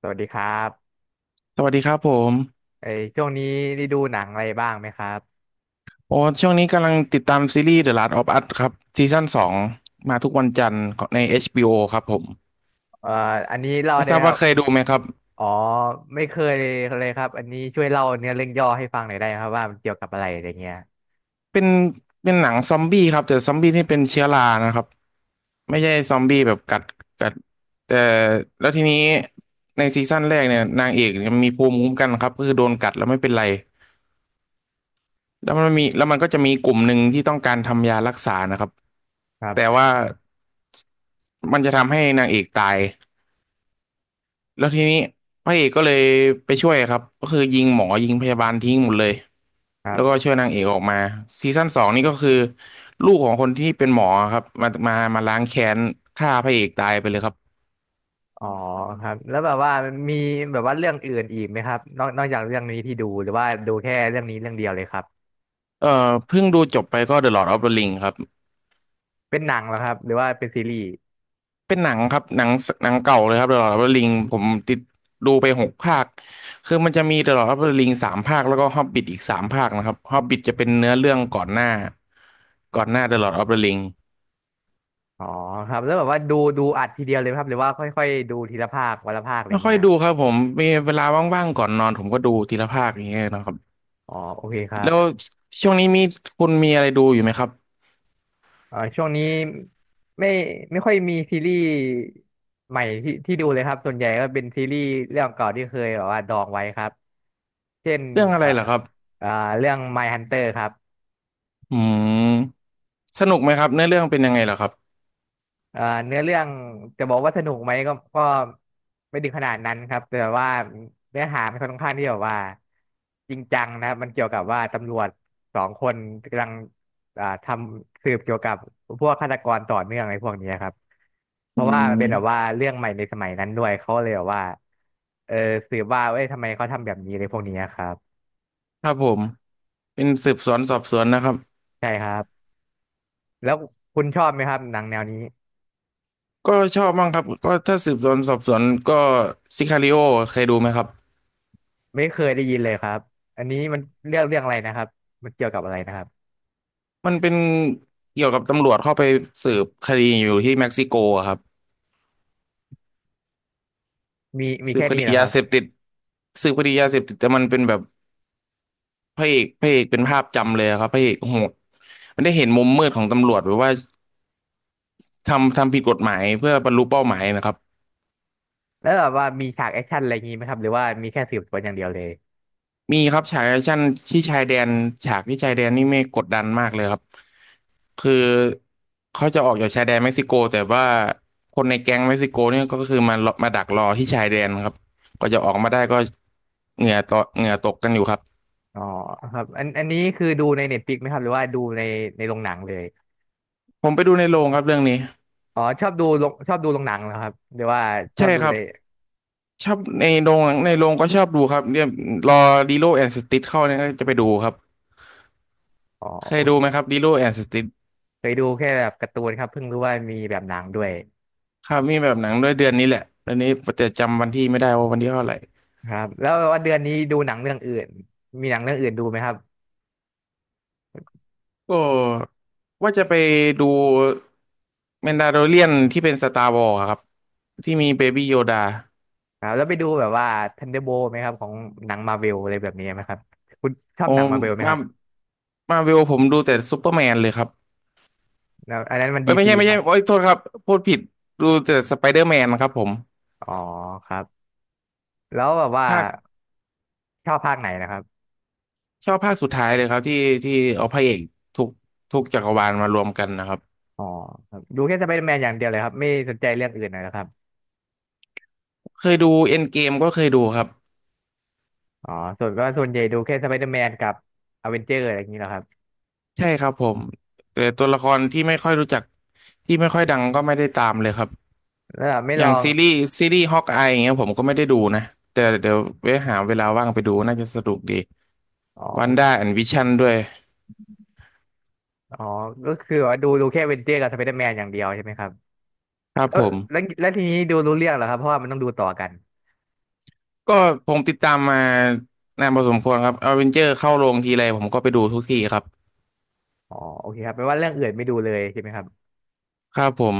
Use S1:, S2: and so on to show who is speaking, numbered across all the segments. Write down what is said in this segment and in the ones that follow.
S1: สวัสดีครับ
S2: สวัสดีครับผม
S1: ไอช่วงนี้ได้ดูหนังอะไรบ้างไหมครับ
S2: โอ้ช่วงนี้กำลังติดตามซีรีส์ The Last of Us ครับซีซั่นสองมาทุกวันจันทร์ใน HBO ครับผม
S1: เอ่ออันนี้เล่า
S2: ไม่
S1: ได้
S2: ท
S1: ไห
S2: รา
S1: ม
S2: บ
S1: ค
S2: ว่า
S1: รับ
S2: เคยดูไหมครับ
S1: อ๋อไม่เคยเลยครับอันนี้ช่วยเล่าเนื้อเรื่องย่อให้ฟังหน่อยได้ไหมครับว่ามันเกี่ยวกับอะไรอะไรเงี้ย
S2: เป็นเป็นหนังซอมบี้ครับแต่ซอมบี้ที่เป็นเชื้อรานะครับไม่ใช่ซอมบี้แบบกัดกัดแต่แล้วทีนี้ในซีซั่นแรกเนี่ยนางเอกเนี่ยมีภูมิคุ้มกันครับก็คือโดนกัดแล้วไม่เป็นไรแล้วมันก็จะมีกลุ่มหนึ่งที่ต้องการทำยารักษานะครับ
S1: ครั
S2: แต่ว่า
S1: บ
S2: มันจะทำให้นางเอกตาย แล้วทีนี้พระเอกก็เลยไปช่วยครับก็คือยิงหมอยิงพยาบาลทิ้งหมดเลย
S1: ครั
S2: แล้วก็ช่วย
S1: บ
S2: นางเอกออกมาซีซั่นสองนี่ก็คือลูกของคนที่เป็นหมอครับมาล้างแค้นฆ่าพระเอกตายไปเลยครับ
S1: อ๋อครับแล้วแบบว่ามันมีแบบว่าเรื่องอื่นอีกไหมครับนอกจากเรื่องนี้ที่ดูหรือว่าดูแค่เรื่องนี้เรื่องเดียวเลยครับ
S2: เพิ่งดูจบไปก็ The Lord of the Ring ครับ
S1: เป็นหนังเหรอครับหรือว่าเป็นซีรีส์
S2: เป็นหนังครับหนังเก่าเลยครับ The Lord of the Ring ผมติดดูไปหกภาคคือมันจะมี The Lord of the Ring สามภาคแล้วก็ Hobbit อีกสามภาคนะครับ Hobbit จะเป็นเนื้อเรื่องก่อนหน้าก่อนหน้า The Lord of the Ring
S1: อ๋อครับแล้วแบบว่าดูอัดทีเดียวเลยไหมครับหรือว่าค่อยๆดูทีละภาควันละภาคอะไร
S2: ไม่ค่อย
S1: เงี้ย
S2: ดูครับผมมีเวลาว่างๆก่อนนอนผมก็ดูทีละภาคอย่างเงี้ยนะครับ
S1: อ๋อโอเคครับ
S2: แล้วช่วงนี้มีคุณมีอะไรดูอยู่ไหมครับ
S1: อ่าช่วงนี้ไม่ไม่ค่อยมีซีรีส์ใหม่ที่ดูเลยครับส่วนใหญ่ก็เป็นซีรีส์เรื่องเก่าที่เคยแบบว่าดองไว้ครับเช่น
S2: เรื่องอะไรเห
S1: อะ
S2: ร
S1: ไร
S2: อครั
S1: ล่ะ
S2: บ
S1: อ่าเรื่อง My Hunter ครับ
S2: อืมสนุกไหมครับเนื้อเรื่องเป็นยังไงเหรอครับ
S1: เนื้อเรื่องจะบอกว่าสนุกไหมก็ไม่ถึงขนาดนั้นครับแต่ว่าเนื้อหามันค่อนข้างที่แบบว่าจริงจังนะครับมันเกี่ยวกับว่าตำรวจสองคนกำลังอ่าทำสืบเกี่ยวกับพวกฆาตกรต่อเนื่องอะไรพวกนี้ครับเพ
S2: อื
S1: ราะว่ามันเป็นแบบว่า
S2: ม
S1: เรื่องใหม่ในสมัยนั้นด้วยเขาเลยแบบว่าเออสืบว่าเอ้ยทำไมเขาทำแบบนี้อะไรพวกนี้ครับ
S2: ครับผมเป็นสืบสวนสอบสวนนะครับ
S1: ใช่ครับแล้วคุณชอบไหมครับหนังแนวนี้
S2: ก็ชอบบ้างครับก็ถ้าสืบสวนสอบสวนก็ซิคาริโอเคยดูไหมครับ
S1: ไม่เคยได้ยินเลยครับอันนี้มันเรื่องอะไรนะครับมันเกี่ยวกับอะไรนะครับ
S2: มันเป็นเกี่ยวกับตำรวจเข้าไปสืบคดีอยู่ที่เม็กซิโกอะครับ
S1: มี
S2: สืบ
S1: แค่
S2: ค
S1: นี้
S2: ดี
S1: เหรอค
S2: ยา
S1: รับ
S2: เสพติดสืบคดียาเสพติดแต่มันเป็นแบบ พระเอกเป็นภาพจำเลยครับพระเอกโหดมันได้เห็นมุมมืดของตำรวจรืว่าทำผิดกฎหมายเพื่อบรรลุเป้าหมายนะครับ
S1: แล้วแบบว่ามีฉากแอคชั่นอะไรอย่างงี้ไหมครับหรือว่ามีแค่สืบสวนอย่างเดียวเลย
S2: มีครับฉากแอคชั่นที่ชายแดนฉากที่ชายแดนนี่ไม่กดดันมากเลยครับคือเขาจะออกจากชายแดนเม็กซิโกแต่ว่าคนในแก๊งเม็กซิโกเนี่ยก็คือมาดักรอที่ชายแดนครับกว่าจะออกมาได้ก็เหงื่อตกเหงื่อตกกันอยู่ครับ
S1: อ๋อครับอันนี้คือดูในเน็ตฟลิกไหมครับหรือว่าดูในในโรงหนังเลย
S2: ผมไปดูในโรงครับเรื่องนี้
S1: อ๋อชอบดูโรงหนังเหรอครับหรือว่าชอ
S2: ใช่
S1: บดู
S2: ครั
S1: ใน
S2: บชอบในโรงในโรงก็ชอบดูครับเนี่ยรอดีโลแอนด์สติทเข้าเนี่ยก็จะไปดูครับ
S1: อ๋อ
S2: เค
S1: โอ
S2: ยดูไหม
S1: เค
S2: ครับ Lilo and Stitch
S1: เคยดูแค่แบบการ์ตูนครับเพิ่งรู้ว่ามีแบบหนังด้วย
S2: ครับมีแบบหนังด้วยเดือนนี้แหละตอนนี้แต่จำวันที่ไม่ได้ว่าวันที่เท่าไหร่
S1: ครับแล้วว่าเดือนนี้ดูหนังเรื่องอื่นมีหนังเรื่องอื่นดูไหมครับ
S2: ก็ว่าจะไปดูแมนดาโ o เรียนที่เป็นสตาร์วอร์ครับที่มีเบบี้โยดา
S1: ครับแล้วไปดูแบบว่า Thunderbolt ไหมครับของหนังมาเวลอะไรแบบนี้ไหมครับคุณชอบ
S2: โอ้
S1: หนังมาเวลไหมค
S2: มา
S1: รับ
S2: มาเวลผมดูแต่ซูเปอร์แมนเลยครับ
S1: แล้วอันนั้นมัน
S2: เอ้
S1: ดี
S2: ยไม่
S1: ซี
S2: ใช่ไม่
S1: ค
S2: ใช่
S1: รับ
S2: โอ้ยโทษครับพูดผิดดูแต่สไปเดอร์แมนครับผม
S1: อ๋อครับแล้วแบบว่า
S2: ภาค
S1: ชอบภาคไหนนะครับ
S2: ชอบภาคสุดท้ายเลยครับที่ที่เอาพระเอกทุกทุกจักรวาลมารวมกันนะครับ
S1: อ๋อครับดูแค่สไปเดอร์แมนอย่างเดียวเลยครับ ไม่สนใจเรื่องอื่นเลยนะครับ
S2: เคยดูเอ็นเกมก็เคยดูครับ
S1: อ๋อส่วนใหญ่ดูแค่สไปเดอร์แมนกับอเวนเจอร์อะไรอย่างนี้แหละครับ
S2: ใช่ครับผมแต่ตัวละครที่ไม่ค่อยรู้จักที่ไม่ค่อยดังก็ไม่ได้ตามเลยครับ
S1: แล้วไม่
S2: อ
S1: ล
S2: ย่า
S1: อ
S2: ง
S1: ง
S2: ซีรีส์ฮอกอายอย่างเงี้ยผมก็ไม่ได้ดูนะแต่เดี๋ยวไว้หาเวลาว่างไปดูน่าจะสนุกดี
S1: อ๋
S2: วันด้า
S1: อ
S2: แอนด์วิชั่นด้วย
S1: อ๋อก็คือว่าดูแค่อเวนเจอร์กับสไปเดอร์แมนอย่างเดียวใช่ไหมครับ
S2: ครับ
S1: แล้วแล้วแล้วทีนี้ดูรู้เรื่องเหรอครับเพราะว่ามันต้องดูต่อกัน
S2: ก็ผมติดตามมานานพอสมควรครับอเวนเจอร์เข้าโรงทีไรผมก็ไปดูทุกทีครับ
S1: อ๋อโอเคครับแปลว่าเรื่องอื่นไม่ดูเลยใช่ไหมครับ
S2: ครับผม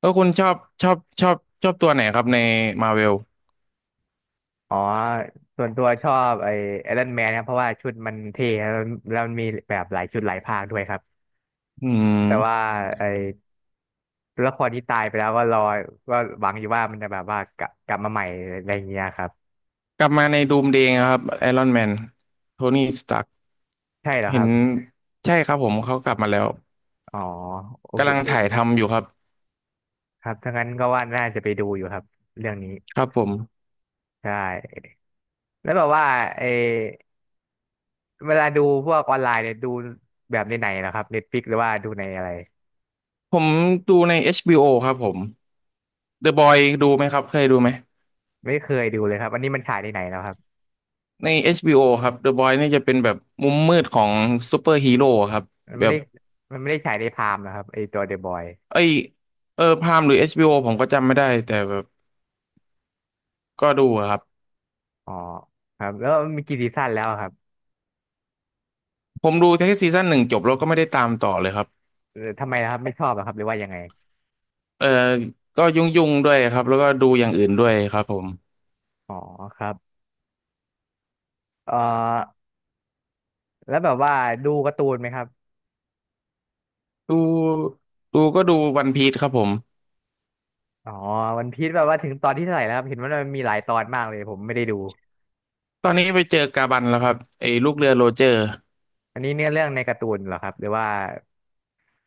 S2: แล้วคุณชอบชอบชอบตัวไหนครับในมาเวล
S1: อ๋อส่วนตัวชอบไอ้ไอรอนแมนครับเพราะว่าชุดมันเท่แล้วแล้วมันมีแบบหลายชุดหลายภาคด้วยครับ
S2: อืม
S1: แต่ว่าไอ้ ต้วครที่ตายไปแล้วก็รอก็หวังอยู่ว่ามันจะแบบว่ากลับมาใหม่อะไรอย่างเงี้ยครับ
S2: กลับมาในดูมเดย์ครับไอรอนแมนโทนี่สตาร์
S1: ใช่เหรอค
S2: เห็
S1: รั
S2: น
S1: บ
S2: ใช่ครับผมเขากลับมาแล้ว
S1: อ๋อโอ้โห
S2: กำลัง
S1: เอง
S2: ถ่ายทำอยู่ครับ
S1: ครับถ้างั้นก็ว่าน่าจะไปดูอยู่ครับเรื่องนี้
S2: ครับผม
S1: ใช่แล้วแบบว่าเออเวลาดูพวกออนไลน์เนี่ยดูแบบในไหนเหรอครับเน็ตฟลิกหรือว่าดูในอะไร
S2: ผมดูใน HBO ครับผม The Boy ดูไหมครับเคยดูไหม
S1: ไม่เคยดูเลยครับอันนี้มันฉายในไหนแล้วครับ
S2: ใน HBO ครับ The Boy นี่จะเป็นแบบมุมมืดของซูเปอร์ฮีโร่ครับ
S1: มัน
S2: แบ
S1: ไม่
S2: บ
S1: ได้มันไม่ได้ฉายในพามนะครับไอตัวเดอะบอย
S2: เอ้ยเออพามหรือ HBO ผมก็จำไม่ได้แต่แบบก็ดูอะครับ
S1: อ๋อครับแล้วมีกี่ซีซั่นแล้วครับ
S2: ผมดูแค่ซีซั่นหนึ่งจบแล้วก็ไม่ได้ตามต่อเลยครับ
S1: เออทำไมนะครับไม่ชอบเหรอครับหรือว่ายังไง
S2: เออก็ยุ่งๆด้วยครับแล้วก็ดูอย่างอื่นด้วยครับผม
S1: อ๋อครับเอ่อ แล้วแบบว่าดูการ์ตูนไหมครับ
S2: ดูก็ดูวันพี e ครับผม
S1: อ๋อวันพีซแบบว่าถึงตอนที่เท่าไหร่แล้วครับเห็นว่ามันมีหลายตอนมากเลยผมไม่ได้ดู
S2: ตอนนี้ไปเจอกาบันแล้วครับไอ้ลูกเรือโรเจอร์
S1: อันนี้เนื้อเรื่องในการ์ตูนเหรอครับหรือว่า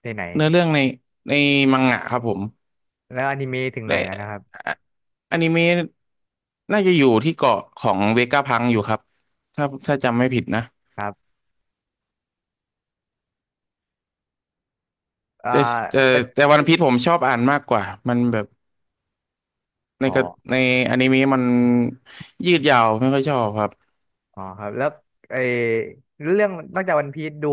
S1: ในไหน
S2: เนื้อเรื่องในมังงะครับผม
S1: แล้วอนิเมะถึง
S2: แต
S1: ไหนแล้วนะครั
S2: ่
S1: บ
S2: ออนิเมะน่าจะอยู่ที่เกาะของเวก้าพังอยู่ครับถ้าจำไม่ผิดนะ
S1: ครับอ่า
S2: แต่แต่
S1: เป็น
S2: แต่วันพีซผมชอบอ่านมากกว่ามันแบบใน
S1: อ๋อ
S2: กระในอนิเมะมันยืดยาวไม่ค่อยชอบครับ
S1: อ๋อครับแล้วไอ้เรื่องนอกจากวันพีซดู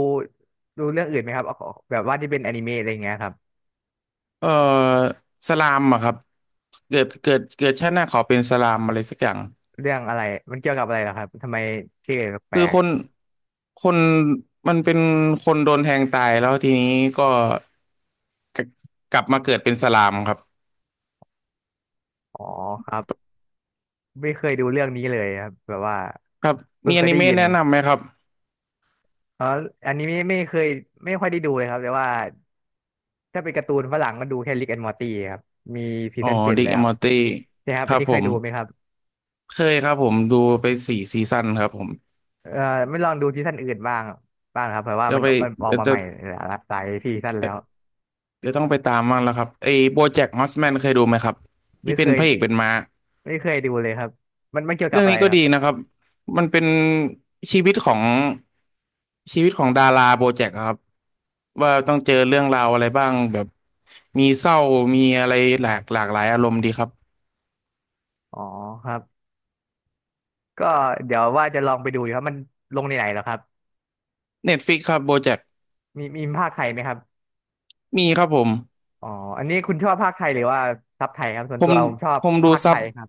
S1: ดูเรื่องอื่นไหมครับเอาแบบว่าที่เป็นอนิเมะอะไรเงี้ยครับ
S2: เออสลามอะครับเกิดชาติหน้าขอเป็นสลามอะไรสักอย่าง
S1: เรื่องอะไรมันเกี่ยวกับอะไรเหรอครับทำไมชื่อแปล
S2: คือ
S1: ก
S2: คนมันเป็นคนโดนแทงตายแล้วทีนี้ก็ จะกลับมาเกิดเป็นสลามครับ
S1: ๆอ๋อครับไม่เคยดูเรื่องนี้เลยครับแบบว่า
S2: ครับ
S1: เพิ่
S2: มี
S1: งเค
S2: อ
S1: ย
S2: นิ
S1: ได้ยิ
S2: เมะ
S1: น
S2: แนะนำไหมครับ
S1: อ๋ออันนี้ไม่ค่อยได้ดูเลยครับแต่ว่าถ้าเป็นการ์ตูนฝรั่งก็ดูแค่ Rick and Morty ครับมีซี
S2: อ๋อ
S1: ซั่นเจ็ด
S2: ริก
S1: แล้
S2: แอน
S1: ว
S2: มอร์ตี้
S1: นะครับ
S2: ค
S1: อัน
S2: รับ
S1: นี้
S2: ผ
S1: เคย
S2: ม
S1: ดูไหมครับ
S2: เคยครับผมดูไป4ซีซั่นครับผม
S1: เอ่อไม่ลองดูซีซั่นอื่นบ้างบ้างครับเพราะว่า
S2: เดี๋ย
S1: มั
S2: ว
S1: น
S2: ไป
S1: มันออก
S2: เดี๋ยว
S1: มา
S2: จะ
S1: ใหม่หลายซีซั่นแล้ว
S2: เดี๋ยวต้องไปตามบ้างแล้วครับไอ้โบแจ็คฮอสแมนเคยดูไหมครับ
S1: ไม่
S2: ที่
S1: เค
S2: เป็น
S1: ย
S2: พระเอกเป็นม้า
S1: ไม่เคยดูเลยครับมันเกี่ยวกั
S2: เรื่
S1: บ
S2: อง
S1: อะไร
S2: นี้ก็
S1: เหรอ
S2: ดี
S1: ครั
S2: นะค
S1: บ
S2: รับมันเป็นชีวิตของชีวิตของดาราโบแจ็คครับว่าต้องเจอเรื่องราวอะไรบ้างแบบมีเศร้ามีอะไรหลายอารมณ์ดีครับ
S1: อ๋อครับก็เดี๋ยวว่าจะลองไปดูอยู่ครับมันลงในไหนเหรอครับ
S2: เน็ตฟิกครับโบแจ็ค
S1: มีภาคไทยไหมครับ
S2: มีครับผม
S1: อ๋ออันนี้คุณชอบภาคไทยหรือว่าซับไทยครับส่วน
S2: ผ
S1: ตั
S2: ม
S1: วผมชอบ
S2: ผมดู
S1: ภาคไท
S2: ซับ
S1: ยครับ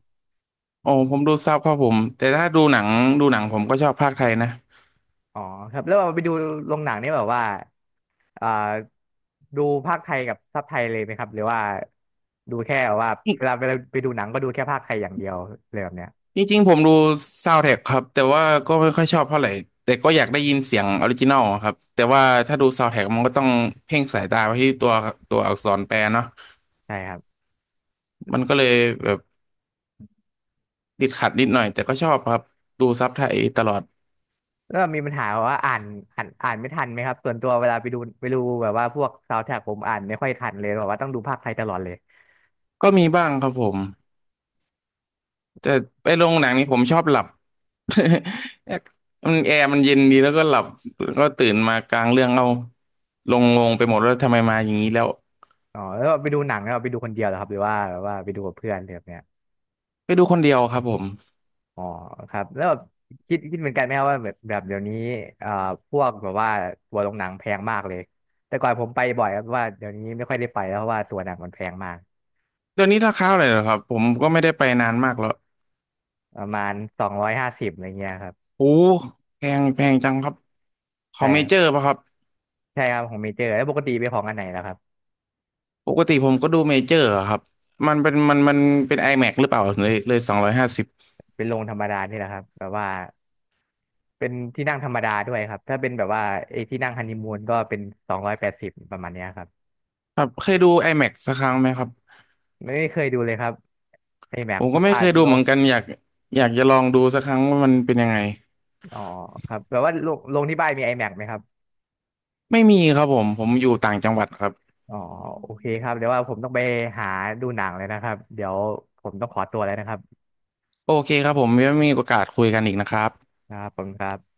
S2: โอ้ผมดูซับครับผมแต่ถ้าดูหนังดูหนังผมก็ชอบภาคไทยนะ
S1: อ๋อครับแล้วเอาไปดูโรงหนังนี่แบบว่าอ่าดูภาคไทยกับซับไทยเลยไหมครับหรือว่าดูแค่แบบว่าเวลาไปดูหนังก็ดูแค่ภาคไทยอย่างเดียวเลยแบบเนี้ย
S2: จริงจริงๆผมดูซาวด์แทร็กครับแต่ว่าก็ไม่ค่อยชอบเท่าไหร่ แต่ก็อยากได้ยินเสียงออริจินอลครับแต่ว่าถ้าดูซาวด์แทร็กมันก็ต้องเพ่งสายตาไปที่ตัวอักษรแปลเนาะ
S1: ใช่ครับ
S2: มันก็เลยแบบติดขัดนิดหน่อยแต่ก็ชอบครับดูซับไทยตลอด
S1: แล้วมีปัญหาว่าอ่านอ่านอ่านไม่ทันไหมครับส่วนตัวเวลาไปดูแบบว่าพวกซาวด์แทร็กผมอ่านไม่ค่อยทันเลยแบบว่าต้องดูภาคไทยตลอดเลย
S2: ก็มีบ้างครับผมแต่ไปโรงหนังนี่ผมชอบหลับ มันแอร์มันเย็นดีแล้วก็หลับก็ตื่นมากลางเรื่องเอาลงงงไปหมดแล้วาทำไมมาอย่างนี้แล้ว
S1: อ๋อแล้วไปดูหนังแล้วไปดูคนเดียวเหรอครับหรือว่าแบบว่าไปดูกับเพื่อนเลยแบบเนี้ย
S2: ไปดูคนเดียวครับผม
S1: อ๋อครับแล้วแบบคิดเหมือนกันไหมครับว่าแบบเดี๋ยวนี้อ่าพวกแบบว่าตัวโรงหนังแพงมากเลยแต่ก่อนผมไปบ่อยครับเพราะว่าเดี๋ยวนี้ไม่ค่อยได้ไปแล้วเพราะว่าตัวหนังมันแพงมาก
S2: เดี๋ยวนี้ราคาเท่ไรเหรอครับผมก็ไม่ได้ไปนานมากแล้ว
S1: ประมาณ250อะไรเงี้ยครับ
S2: โอ้แพงแพงจังครับขอ
S1: ใช่
S2: งเม
S1: ครั
S2: เจ
S1: บ
S2: อร์ป่ะครับ
S1: ใช่ครับของเมเจอร์แล้วปกติไปของอันไหนแล้วครับ
S2: ปกติผมก็ดูเมเจอร์อะครับมันเป็นมันเป็น iMac หรือเปล่าเลย250
S1: เป็นโรงธรรมดานี่แหละครับแบบว่าเป็นที่นั่งธรรมดาด้วยครับถ้าเป็นแบบว่าไอ้ที่นั่งฮันนีมูนก็เป็น280ประมาณเนี้ยครับ
S2: ครับเคยดู iMac สักครั้งไหมครับ
S1: ไม่เคยดูเลยครับไอแม็
S2: ผ
S1: ก
S2: ม
S1: เพ
S2: ก็
S1: ราะ
S2: ไม่
S1: ว่า
S2: เคยดู
S1: โร
S2: เหมื
S1: ง
S2: อนกันอยากจะลองดูสักครั้งว่ามันเป็นยังไง
S1: อ๋อครับแบบว่าโรงที่บ้านมีไอแม็กไหมครับ
S2: ไม่มีครับผมอยู่ต่างจังหวัดครับ
S1: อ๋อโอเคครับเดี๋ยวว่าผมต้องไปหาดูหนังเลยนะครับเดี๋ยวผมต้องขอตัวแล้วนะครับ
S2: โอเคครับผมยังมีโอกาสคุยกันอีกนะครับ
S1: ครับผมครับ